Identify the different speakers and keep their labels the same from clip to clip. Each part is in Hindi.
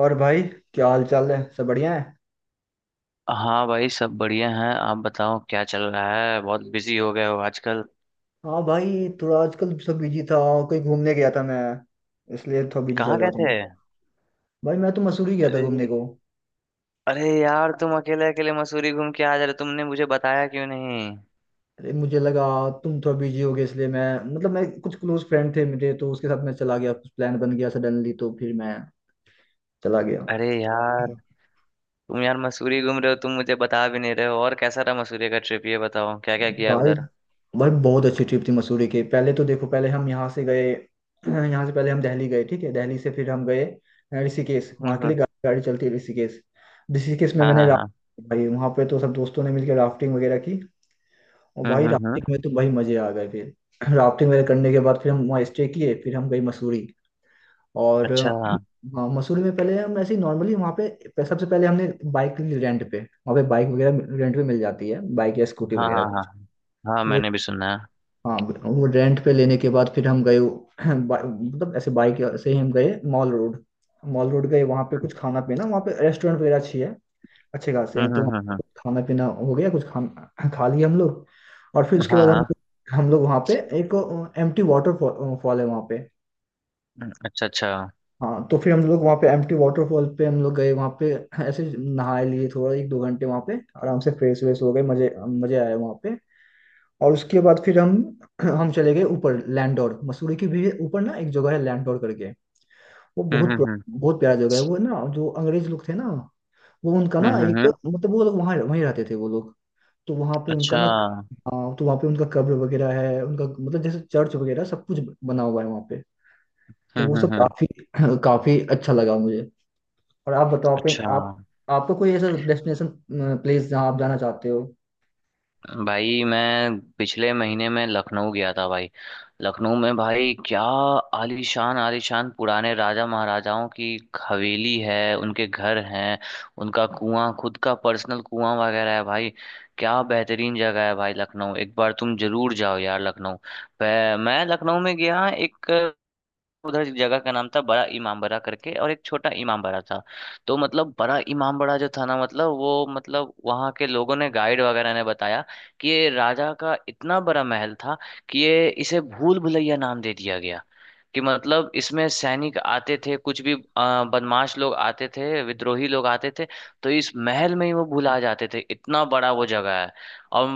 Speaker 1: और भाई, क्या हाल चाल है? सब बढ़िया है?
Speaker 2: हाँ भाई, सब बढ़िया हैं। आप बताओ क्या चल रहा है। बहुत बिजी हो गए हो आजकल।
Speaker 1: हाँ भाई, थोड़ा आजकल सब बिजी था। कहीं घूमने गया था मैं, इसलिए थोड़ा बिजी
Speaker 2: कहाँ
Speaker 1: चल रहा
Speaker 2: गए
Speaker 1: था
Speaker 2: थे।
Speaker 1: मैं। भाई मैं तो मसूरी गया था घूमने
Speaker 2: अरे।
Speaker 1: को।
Speaker 2: अरे यार, तुम अकेले अकेले मसूरी घूम के आ जा रहे हो, तुमने मुझे बताया क्यों नहीं।
Speaker 1: अरे मुझे लगा तुम थोड़ा बिजी हो गए इसलिए मैं, मतलब मैं कुछ क्लोज फ्रेंड थे मेरे, तो उसके साथ मैं चला गया, कुछ प्लान बन गया सडनली, तो फिर मैं चला गया।
Speaker 2: अरे यार, तुम यार मसूरी घूम रहे हो, तुम मुझे बता भी नहीं रहे हो। और कैसा रहा मसूरी का ट्रिप, ये बताओ क्या क्या किया
Speaker 1: भाई,
Speaker 2: उधर।
Speaker 1: भाई बहुत अच्छी ट्रिप थी मसूरी की। पहले तो देखो, पहले हम यहाँ से गए। यहाँ से पहले हम दिल्ली गए, ठीक है? दिल्ली से फिर हम गए ऋषिकेश।
Speaker 2: हम्म,
Speaker 1: वहाँ के
Speaker 2: हम्म।
Speaker 1: लिए गाड़ी चलती है ऋषिकेश। ऋषिकेश में
Speaker 2: हाँ,
Speaker 1: मैंने
Speaker 2: हाँ, हाँ।
Speaker 1: राफ्टिंग भाई, वहाँ पे तो सब दोस्तों ने मिलकर राफ्टिंग वगैरह की। और
Speaker 2: हम्म,
Speaker 1: भाई
Speaker 2: हम्म, हम्म।
Speaker 1: राफ्टिंग में तो भाई मजे आ गए। फिर राफ्टिंग वगैरह करने के बाद फिर हम वहाँ स्टे किए, फिर हम गए मसूरी। और
Speaker 2: अच्छा, हाँ,
Speaker 1: हाँ मसूरी में पहले हम ऐसे ही नॉर्मली वहाँ पे, सबसे पहले हमने बाइक ली रेंट पे, वहाँ पे बाइक वगैरह रेंट पे मिल जाती है, बाइक या स्कूटी
Speaker 2: हाँ,
Speaker 1: वगैरह
Speaker 2: हाँ, हाँ।
Speaker 1: कुछ।
Speaker 2: हाँ, मैंने भी सुना है।
Speaker 1: हाँ, वो रेंट पे लेने के बाद फिर हम गए मतलब ऐसे बाइक से ही हम गए मॉल रोड। मॉल रोड गए वहाँ पे, कुछ खाना पीना वहाँ पे, रेस्टोरेंट वगैरह अच्छी है, अच्छे खासे
Speaker 2: हम्म,
Speaker 1: हैं तो वहाँ
Speaker 2: हम्म, हम्म, हम्म।
Speaker 1: कुछ खाना पीना हो गया। कुछ खा खा लिए हम लोग। और फिर उसके
Speaker 2: हाँ,
Speaker 1: बाद हम
Speaker 2: हाँ।
Speaker 1: हम लोग वहाँ पे एक एम्प्टी वाटर फॉल है वहाँ पे।
Speaker 2: अच्छा अच्छा।
Speaker 1: हाँ, तो फिर हम लोग वहाँ पे एम्प्टी वाटरफॉल पे हम लोग गए वहाँ पे। ऐसे नहाए लिए थोड़ा 1-2 घंटे वहाँ पे, आराम से फ्रेश वेश हो गए। मजे मजे आए वहाँ पे। और उसके बाद फिर हम हम चले गए ऊपर लैंडोर, मसूरी के भी ऊपर ना, एक जगह है लैंडोर करके। वो
Speaker 2: हम्म,
Speaker 1: बहुत
Speaker 2: हम्म,
Speaker 1: बहुत प्यारा जगह है वो ना। जो अंग्रेज लोग थे ना, वो उनका
Speaker 2: हम्म,
Speaker 1: ना,
Speaker 2: हम्म। हम्म,
Speaker 1: एक
Speaker 2: हम्म।
Speaker 1: मतलब वो लोग वहाँ वहीं रहते थे वो लोग। तो वहाँ पे उनका
Speaker 2: अच्छा।
Speaker 1: ना, हाँ तो वहाँ पे उनका कब्र वगैरह है उनका, मतलब जैसे चर्च वगैरह सब कुछ बना हुआ है वहाँ पे। तो वो
Speaker 2: हम्म,
Speaker 1: सब
Speaker 2: हम्म, हम्म।
Speaker 1: काफी काफी अच्छा लगा मुझे। और आप बताओ, कहीं
Speaker 2: अच्छा।
Speaker 1: आप, आपका कोई ऐसा डेस्टिनेशन प्लेस जहाँ आप जाना चाहते हो?
Speaker 2: भाई मैं पिछले महीने में लखनऊ गया था भाई। लखनऊ में भाई क्या आलीशान आलीशान पुराने राजा महाराजाओं की हवेली है, उनके घर हैं। उनका कुआं, खुद का पर्सनल कुआं वगैरह है भाई। क्या बेहतरीन जगह है भाई लखनऊ, एक बार तुम जरूर जाओ यार लखनऊ मैं लखनऊ में गया। एक उधर एक जगह का नाम था बड़ा इमामबाड़ा करके, और एक छोटा इमामबाड़ा था। तो मतलब बड़ा इमामबाड़ा जो था ना, मतलब वो, मतलब वहाँ के लोगों ने, गाइड वगैरह ने बताया कि ये राजा का इतना बड़ा महल था कि ये, इसे भूल भुलैया नाम दे दिया गया। कि मतलब इसमें सैनिक आते थे, कुछ भी बदमाश लोग आते थे, विद्रोही लोग आते थे। तो इस महल में ही वो भुला जाते थे, इतना बड़ा वो जगह है। और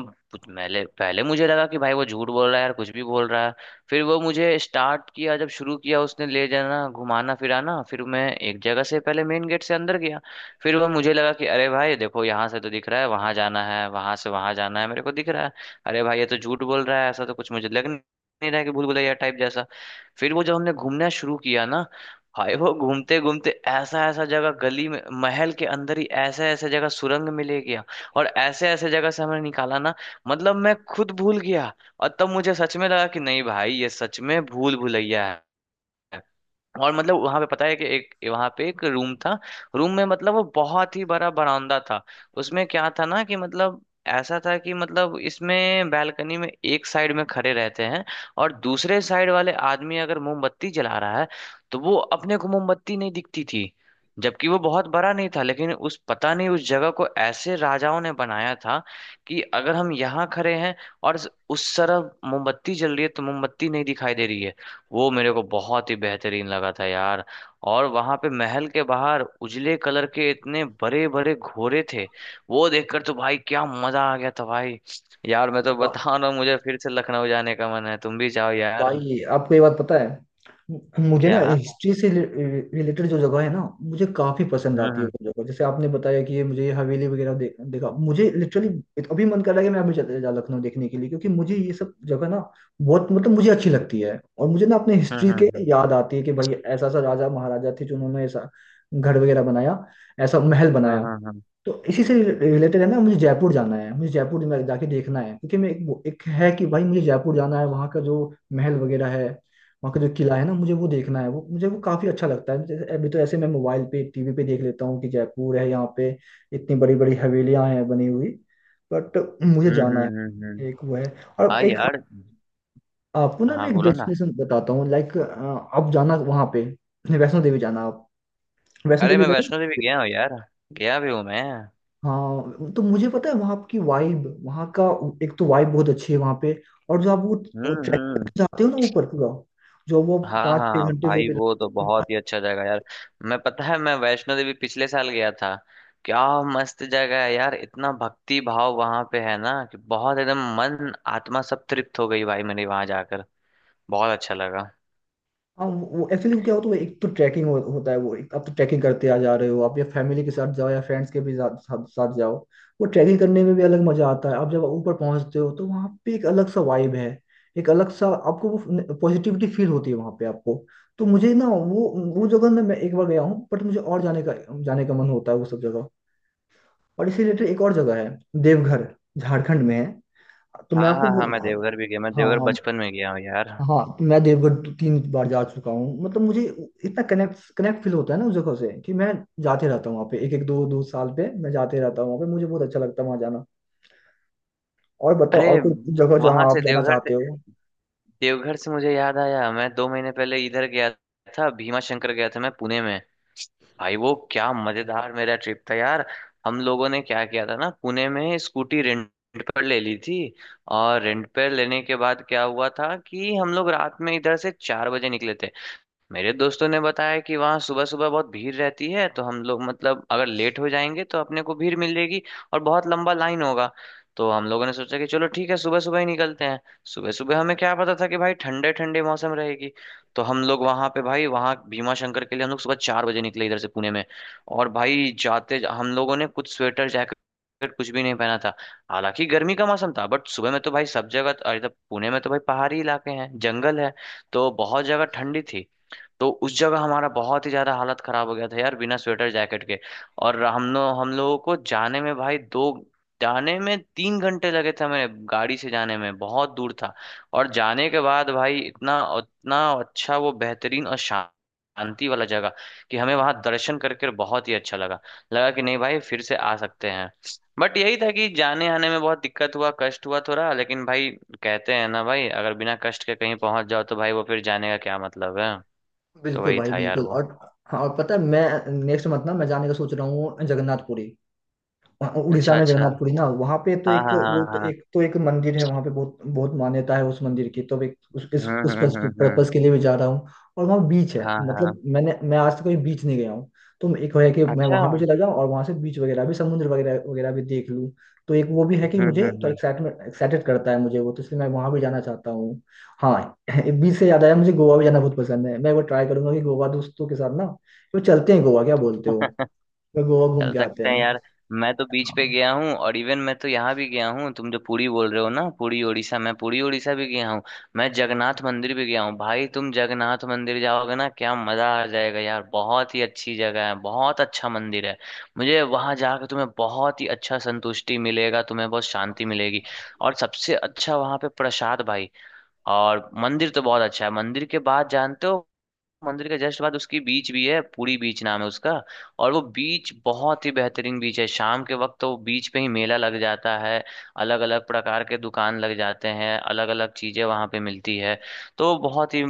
Speaker 2: पहले पहले मुझे लगा कि भाई वो झूठ बोल रहा है यार, कुछ भी बोल रहा है। फिर वो मुझे स्टार्ट किया, जब शुरू किया उसने ले जाना घुमाना फिराना, फिर मैं एक जगह से, पहले मेन गेट से अंदर गया। फिर वो, मुझे लगा कि अरे भाई देखो, यहाँ से तो दिख रहा है वहां जाना है, वहां से वहां जाना है, मेरे को दिख रहा है। अरे भाई ये तो झूठ बोल रहा है, ऐसा तो कुछ मुझे लग नहीं रहा है कि भूल भुलैया टाइप जैसा। फिर वो, जब हमने घूमना शुरू किया ना, भाई वो घूमते घूमते ऐसा ऐसा जगह, गली में महल के अंदर ही ऐसे ऐसे जगह सुरंग मिले गया। और ऐसे ऐसे जगह से हमें निकाला ना, मतलब मैं खुद भूल गया। और तब मुझे सच में लगा कि नहीं भाई, ये सच में भूल भुलैया है। और मतलब वहां पे पता है कि एक, वहां पे एक रूम था। रूम में मतलब वो बहुत ही बड़ा बरामदा था। उसमें क्या था ना कि मतलब, ऐसा था कि मतलब इसमें बैल्कनी में एक साइड में खड़े रहते हैं, और दूसरे साइड वाले आदमी अगर मोमबत्ती जला रहा है, तो वो, अपने को मोमबत्ती नहीं दिखती थी। जबकि वो बहुत बड़ा नहीं था, लेकिन उस, पता नहीं उस जगह को ऐसे राजाओं ने बनाया था कि अगर हम यहाँ खड़े हैं और उस तरफ मोमबत्ती जल रही है, तो मोमबत्ती नहीं दिखाई दे रही है। वो मेरे को बहुत ही बेहतरीन लगा था यार। और वहां पे महल के बाहर उजले कलर के इतने बड़े बड़े घोड़े थे, वो देखकर तो भाई क्या मजा आ गया था भाई। यार मैं तो बता रहा हूँ, मुझे फिर से लखनऊ जाने का मन है, तुम भी जाओ यार।
Speaker 1: भाई आपको ये बात पता है, मुझे ना
Speaker 2: क्या।
Speaker 1: हिस्ट्री से रिलेटेड जो जगह है ना, मुझे काफी पसंद आती है
Speaker 2: हम्म,
Speaker 1: वो जगह। जैसे आपने बताया कि ये, मुझे ये हवेली वगैरह देखा, मुझे लिटरली अभी मन कर रहा है कि मैं अभी चले जा लखनऊ देखने के लिए। क्योंकि मुझे ये सब जगह ना बहुत, मतलब मुझे अच्छी लगती है, और मुझे ना अपने
Speaker 2: हम्म,
Speaker 1: हिस्ट्री के
Speaker 2: हम्म,
Speaker 1: याद आती है कि भाई ऐसा ऐसा राजा महाराजा थे जिन्होंने ऐसा घर वगैरह बनाया, ऐसा महल
Speaker 2: हम्म।
Speaker 1: बनाया।
Speaker 2: हम्म, हम्म,
Speaker 1: तो इसी से रिलेटेड है ना, मुझे जयपुर जाना है, मुझे जयपुर में जाके देखना है। क्योंकि एक है कि भाई मुझे जयपुर जाना है, वहाँ का जो महल वगैरह है, वहाँ का जो किला है ना, मुझे वो देखना है, वो मुझे वो काफी अच्छा लगता है। जैसे अभी तो ऐसे मैं मोबाइल पे टीवी पे देख लेता हूँ कि जयपुर है यहाँ पे, इतनी बड़ी बड़ी हवेलियाँ हैं बनी हुई, बट मुझे
Speaker 2: हम्म,
Speaker 1: जाना है
Speaker 2: हम्म। हम्म। हम्म।
Speaker 1: एक वो है। और
Speaker 2: हाँ
Speaker 1: एक
Speaker 2: यार।
Speaker 1: आपको ना मैं
Speaker 2: हाँ,
Speaker 1: एक
Speaker 2: बोलो ना।
Speaker 1: डेस्टिनेशन बताता हूँ, लाइक आप जाना वहाँ पे, वैष्णो देवी जाना आप। वैष्णो
Speaker 2: अरे,
Speaker 1: देवी
Speaker 2: मैं
Speaker 1: गए हो?
Speaker 2: वैष्णो देवी गया हूँ यार, गया भी हूँ मैं।
Speaker 1: हाँ, तो मुझे पता है वहाँ की वाइब, वहाँ का एक तो वाइब बहुत अच्छी है वहाँ पे। और जो आप
Speaker 2: हम्म,
Speaker 1: वो ट्रैक
Speaker 2: हम्म।
Speaker 1: जाते हो ना ऊपर पूरा, जो वो
Speaker 2: हाँ
Speaker 1: पाँच
Speaker 2: हाँ
Speaker 1: छह घंटे जो
Speaker 2: भाई,
Speaker 1: भी
Speaker 2: वो तो
Speaker 1: लगते हैं,
Speaker 2: बहुत ही अच्छा जगह है यार। मैं, पता है मैं वैष्णो देवी पिछले साल गया था। क्या मस्त जगह है यार, इतना भक्ति भाव वहां पे है ना कि बहुत, एकदम मन आत्मा सब तृप्त हो गई भाई, मैंने वहां जाकर बहुत अच्छा लगा।
Speaker 1: हाँ वो एक्चुअली वो क्या होता है, वो एक तो ट्रैकिंग होता है। वो एक आप तो ट्रैकिंग करते आ जा रहे हो आप, या फैमिली के साथ जाओ या फ्रेंड्स के भी साथ साथ, साथ जाओ। वो ट्रैकिंग करने में भी अलग मजा आता है। आप जब ऊपर पहुंचते हो तो वहाँ पे एक अलग सा वाइब है, एक अलग सा आपको वो पॉजिटिविटी फील होती है वहाँ पे आपको। तो मुझे ना वो जगह में मैं एक बार गया हूँ, बट मुझे और जाने का मन होता है, वो सब जगह। और इसी रिलेटेड एक और जगह है, देवघर, झारखंड में है। तो
Speaker 2: हाँ, हाँ, हाँ, मैं देवघर भी गया, मैं
Speaker 1: हाँ
Speaker 2: देवघर
Speaker 1: हाँ
Speaker 2: बचपन में गया हूँ यार।
Speaker 1: हाँ। तो मैं देवगढ़ 3 बार जा चुका हूँ, मतलब मुझे इतना कनेक्ट कनेक्ट फील होता है ना उस जगह से कि मैं जाते रहता हूँ वहाँ पे, एक एक दो दो साल पे मैं जाते रहता हूँ वहाँ पे, मुझे बहुत अच्छा लगता है वहाँ जाना। और बताओ, और
Speaker 2: अरे,
Speaker 1: कोई जगह
Speaker 2: वहां
Speaker 1: जहाँ आप
Speaker 2: से,
Speaker 1: जाना
Speaker 2: देवघर से,
Speaker 1: चाहते हो?
Speaker 2: देवघर से मुझे याद आया, मैं दो महीने पहले इधर गया था, भीमा शंकर गया था मैं, पुणे में। भाई वो क्या मजेदार मेरा ट्रिप था यार। हम लोगों ने क्या किया था ना, पुणे में स्कूटी रेंट पर ले ली थी। और रेंट पर लेने के बाद क्या हुआ था कि हम लोग रात में इधर से चार बजे निकले थे। मेरे दोस्तों ने बताया कि वहाँ सुबह सुबह बहुत भीड़ रहती है, तो हम लोग, मतलब अगर लेट हो जाएंगे तो अपने को भीड़ मिल जाएगी, और बहुत लंबा लाइन होगा। तो हम लोगों ने सोचा कि चलो ठीक है, सुबह सुबह ही निकलते हैं। सुबह सुबह हमें क्या पता था कि भाई ठंडे ठंडे मौसम रहेगी। तो हम लोग वहाँ पे, भाई वहाँ भीमा शंकर के लिए हम लोग सुबह चार बजे निकले इधर से, पुणे में। और भाई जाते, हम लोगों ने कुछ स्वेटर जैकेट कुछ भी नहीं पहना था। हालांकि गर्मी का मौसम था, बट सुबह में तो भाई सब जगह, और इधर पुणे में तो भाई पहाड़ी इलाके हैं, जंगल है, तो बहुत जगह ठंडी थी। तो उस जगह हमारा बहुत ही ज्यादा हालत खराब हो गया था यार, बिना स्वेटर जैकेट के। और हम लोगों को जाने में भाई दो जाने में तीन घंटे लगे थे हमें, गाड़ी से, जाने में बहुत दूर था। और जाने के बाद भाई, इतना इतना अच्छा, वो बेहतरीन और शांत, शांति वाला जगह कि हमें वहां दर्शन करके बहुत ही अच्छा लगा। लगा कि नहीं भाई, फिर से आ सकते हैं। बट यही था कि जाने आने में बहुत दिक्कत हुआ, कष्ट हुआ थोड़ा, लेकिन भाई कहते हैं ना भाई, अगर बिना कष्ट के कहीं पहुंच जाओ तो भाई वो फिर जाने का क्या मतलब है। तो
Speaker 1: बिल्कुल
Speaker 2: वही
Speaker 1: भाई
Speaker 2: था यार
Speaker 1: बिल्कुल,
Speaker 2: वो।
Speaker 1: और हाँ, और पता है मैं नेक्स्ट मंथ ना मैं जाने का सोच रहा हूँ, जगन्नाथ पुरी। हाँ, उड़ीसा
Speaker 2: अच्छा
Speaker 1: में
Speaker 2: अच्छा।
Speaker 1: जगन्नाथपुरी ना, वहाँ पे तो
Speaker 2: हाँ,
Speaker 1: एक
Speaker 2: हाँ,
Speaker 1: वो
Speaker 2: हाँ,
Speaker 1: तो
Speaker 2: हाँ।
Speaker 1: एक मंदिर है वहाँ पे, बहुत बहुत मान्यता है उस मंदिर की। तो एक
Speaker 2: हम्म,
Speaker 1: उस
Speaker 2: हम्म, हम्म, हम्म।
Speaker 1: पर्पस के लिए भी जा रहा हूँ। और वहाँ बीच है,
Speaker 2: हाँ, हाँ।
Speaker 1: मतलब मैं आज तक कहीं बीच नहीं गया हूँ। तो एक है कि मैं
Speaker 2: अच्छा।
Speaker 1: वहाँ भी
Speaker 2: हम्म,
Speaker 1: चला जाऊँ और वहाँ से बीच वगैरह भी, समुद्र वगैरह वगैरह भी देख लूँ। तो एक वो भी है कि
Speaker 2: हम्म,
Speaker 1: मुझे तो
Speaker 2: हम्म।
Speaker 1: एक्साइटमेंट एक्साइटेड करता है मुझे वो, तो इसलिए मैं वहाँ भी जाना चाहता हूँ। हाँ बीच से याद आया, मुझे गोवा भी जाना बहुत पसंद है। मैं वो ट्राई करूंगा कि गोवा दोस्तों के साथ ना, वो चलते हैं गोवा, क्या बोलते हो? तो गोवा घूम
Speaker 2: चल
Speaker 1: के आते
Speaker 2: सकते हैं
Speaker 1: हैं।
Speaker 2: यार। मैं तो बीच पे
Speaker 1: हाँ।
Speaker 2: गया हूँ, और इवन मैं तो यहाँ भी गया हूँ, तुम जो पुरी बोल रहे हो ना, पुरी उड़ीसा, मैं पुरी उड़ीसा भी गया हूँ। मैं जगन्नाथ मंदिर भी गया हूँ भाई। तुम जगन्नाथ मंदिर जाओगे ना क्या मजा आ जाएगा यार, बहुत ही अच्छी जगह है, बहुत अच्छा मंदिर है। मुझे वहां जाकर, तुम्हें बहुत ही अच्छा संतुष्टि मिलेगा, तुम्हें बहुत शांति मिलेगी। और सबसे अच्छा वहां पे प्रसाद भाई। और मंदिर तो बहुत अच्छा है, मंदिर के बाद जानते हो, मंदिर के जस्ट बाद उसकी बीच भी है, पूरी बीच नाम है उसका। और वो बीच बहुत ही बेहतरीन बीच है, शाम के वक्त तो वो बीच पे ही मेला लग जाता है। अलग अलग प्रकार के दुकान लग जाते हैं, अलग अलग चीजें वहां पे मिलती है। तो बहुत ही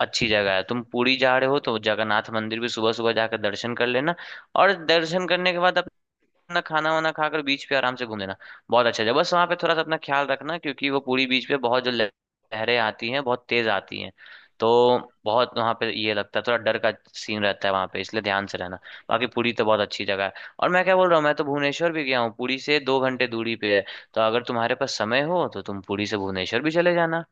Speaker 2: अच्छी जगह है। तुम पुरी जा रहे हो तो जगन्नाथ मंदिर भी सुबह सुबह जाकर दर्शन कर लेना। और दर्शन करने के बाद अपना खाना वाना खाकर बीच पे आराम से घूम लेना। बहुत अच्छा जगह। बस वहाँ पे थोड़ा सा अपना ख्याल रखना, क्योंकि वो पूरी बीच पे बहुत जो लहरें आती हैं, बहुत तेज आती हैं। तो बहुत, वहाँ पे ये लगता है थोड़ा डर का सीन रहता है वहाँ पे, इसलिए ध्यान से रहना। बाकी पुरी तो बहुत अच्छी जगह है। और मैं क्या बोल रहा हूँ, मैं तो भुवनेश्वर भी गया हूँ। पुरी से दो घंटे दूरी पे है, तो अगर तुम्हारे पास समय हो तो तुम पुरी से भुवनेश्वर भी चले जाना।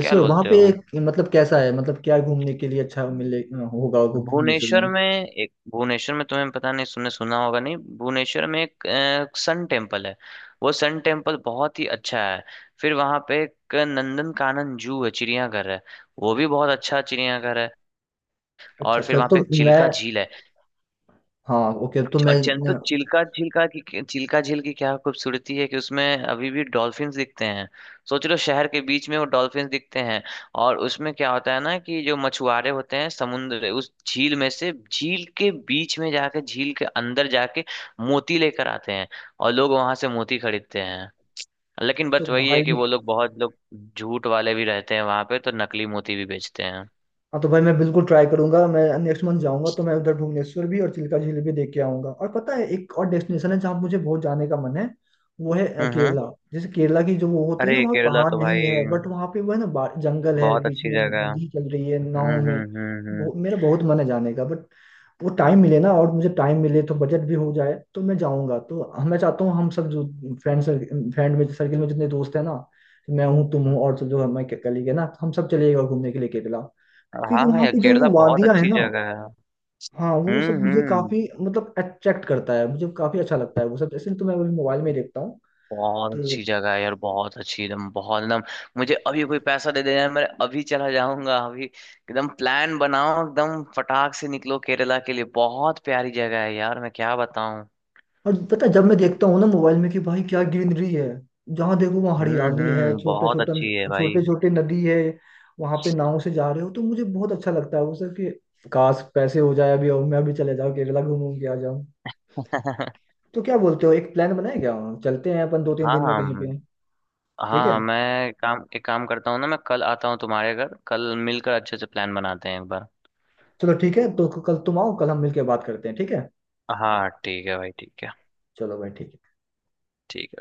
Speaker 2: क्या
Speaker 1: वहां
Speaker 2: बोलते
Speaker 1: पे
Speaker 2: हो।
Speaker 1: मतलब कैसा है, मतलब क्या घूमने के लिए अच्छा मिले होगा वो भुवनेश्वर में?
Speaker 2: भुवनेश्वर में एक, भुवनेश्वर में तुम्हें पता नहीं सुनने, सुना होगा नहीं, भुवनेश्वर में एक सन टेम्पल है। वो सन टेम्पल बहुत ही अच्छा है। फिर वहाँ पे एक नंदन कानन जू है, चिड़ियाघर है। वो भी बहुत अच्छा चिड़ियाघर है।
Speaker 1: अच्छा
Speaker 2: और फिर
Speaker 1: अच्छा,
Speaker 2: वहाँ
Speaker 1: तो
Speaker 2: पे एक
Speaker 1: मैं,
Speaker 2: चिल्का झील है।
Speaker 1: हाँ ओके, तो मैं,
Speaker 2: और जन चिल्का झीलका की चिल्का झील की क्या खूबसूरती है कि उसमें अभी भी डॉल्फिन्स दिखते हैं। सोच लो, शहर के बीच में वो डॉल्फिन्स दिखते हैं। और उसमें क्या होता है ना कि जो मछुआरे होते हैं, समुद्र, उस झील में से, झील के बीच में जाके, झील के अंदर जाके मोती लेकर आते हैं। और लोग वहां से मोती खरीदते हैं। लेकिन
Speaker 1: तो
Speaker 2: बस वही है
Speaker 1: भाई,
Speaker 2: कि वो लोग, बहुत लोग झूठ वाले भी रहते हैं वहां पे, तो नकली मोती भी बेचते हैं।
Speaker 1: हाँ तो भाई मैं बिल्कुल ट्राई करूंगा। मैं नेक्स्ट मंथ जाऊंगा तो मैं उधर भुवनेश्वर भी और चिल्का झील भी देख के आऊंगा। और पता है, एक और डेस्टिनेशन है जहाँ मुझे बहुत जाने का मन है। वो है
Speaker 2: हम्म, हम्म।
Speaker 1: केरला। जैसे केरला की जो वो होती है ना,
Speaker 2: अरे
Speaker 1: वहाँ
Speaker 2: केरला
Speaker 1: पहाड़
Speaker 2: तो
Speaker 1: नहीं
Speaker 2: भाई
Speaker 1: है बट वहाँ पे वो है ना, जंगल है,
Speaker 2: बहुत
Speaker 1: बीच
Speaker 2: अच्छी
Speaker 1: में
Speaker 2: जगह है।
Speaker 1: नदी चल रही है,
Speaker 2: हम्म,
Speaker 1: नाव में,
Speaker 2: हम्म, हम्म,
Speaker 1: मेरा बहुत मन है जाने का, बट वो टाइम मिले ना, और मुझे टाइम मिले तो बजट भी हो जाए तो मैं जाऊंगा। तो मैं चाहता हूँ हम सब जो फ्रेंड सर्कल फ्रेंड में सर्किल में जितने दोस्त हैं ना, तो मैं हूँ, तुम हो
Speaker 2: हम्म।
Speaker 1: और सब जो हमारे कलीग है ना, हम सब चले गए घूमने के लिए केरला। क्योंकि
Speaker 2: हाँ
Speaker 1: वहाँ
Speaker 2: यार,
Speaker 1: पे जो
Speaker 2: केरला
Speaker 1: वो
Speaker 2: बहुत
Speaker 1: वादियाँ है
Speaker 2: अच्छी
Speaker 1: ना।
Speaker 2: जगह है।
Speaker 1: हाँ, वो सब
Speaker 2: हम्म,
Speaker 1: मुझे
Speaker 2: हम्म।
Speaker 1: काफी, मतलब अट्रैक्ट करता है, मुझे काफी अच्छा लगता है वो सब, ऐसे तो मैं अभी मोबाइल में देखता हूँ।
Speaker 2: बहुत
Speaker 1: तो
Speaker 2: अच्छी जगह है यार, बहुत अच्छी, एकदम, बहुत एकदम। मुझे अभी कोई पैसा दे देना है, मैं अभी चला जाऊंगा अभी, एकदम प्लान बनाओ, एकदम फटाक से निकलो केरला के लिए। बहुत प्यारी जगह है यार, मैं क्या बताऊं।
Speaker 1: और पता है, जब मैं देखता हूँ ना मोबाइल में कि भाई क्या ग्रीनरी है, जहाँ देखो वहाँ
Speaker 2: हम्म,
Speaker 1: हरियाली है,
Speaker 2: हम्म। बहुत अच्छी है भाई।
Speaker 1: छोटे छोटे नदी है, वहां पे नाव से जा रहे हो तो मुझे बहुत अच्छा लगता है वो सर कि, काश पैसे हो जाए अभी और मैं भी चले जाऊँ केरला, घूम घूम के आ जाऊँ। तो क्या बोलते हो, एक प्लान बनाए क्या, चलते हैं अपन दो तीन
Speaker 2: हाँ,
Speaker 1: दिन में कहीं
Speaker 2: हाँ,
Speaker 1: पे? ठीक है,
Speaker 2: हाँ, मैं काम एक काम करता हूँ ना, मैं कल आता हूँ तुम्हारे घर, कल मिलकर अच्छे से प्लान बनाते हैं एक बार।
Speaker 1: चलो ठीक है, तो कल तुम आओ, कल हम मिलके बात करते हैं, ठीक है?
Speaker 2: हाँ ठीक है भाई, ठीक है।
Speaker 1: चलो भाई ठीक है।
Speaker 2: ठीक है।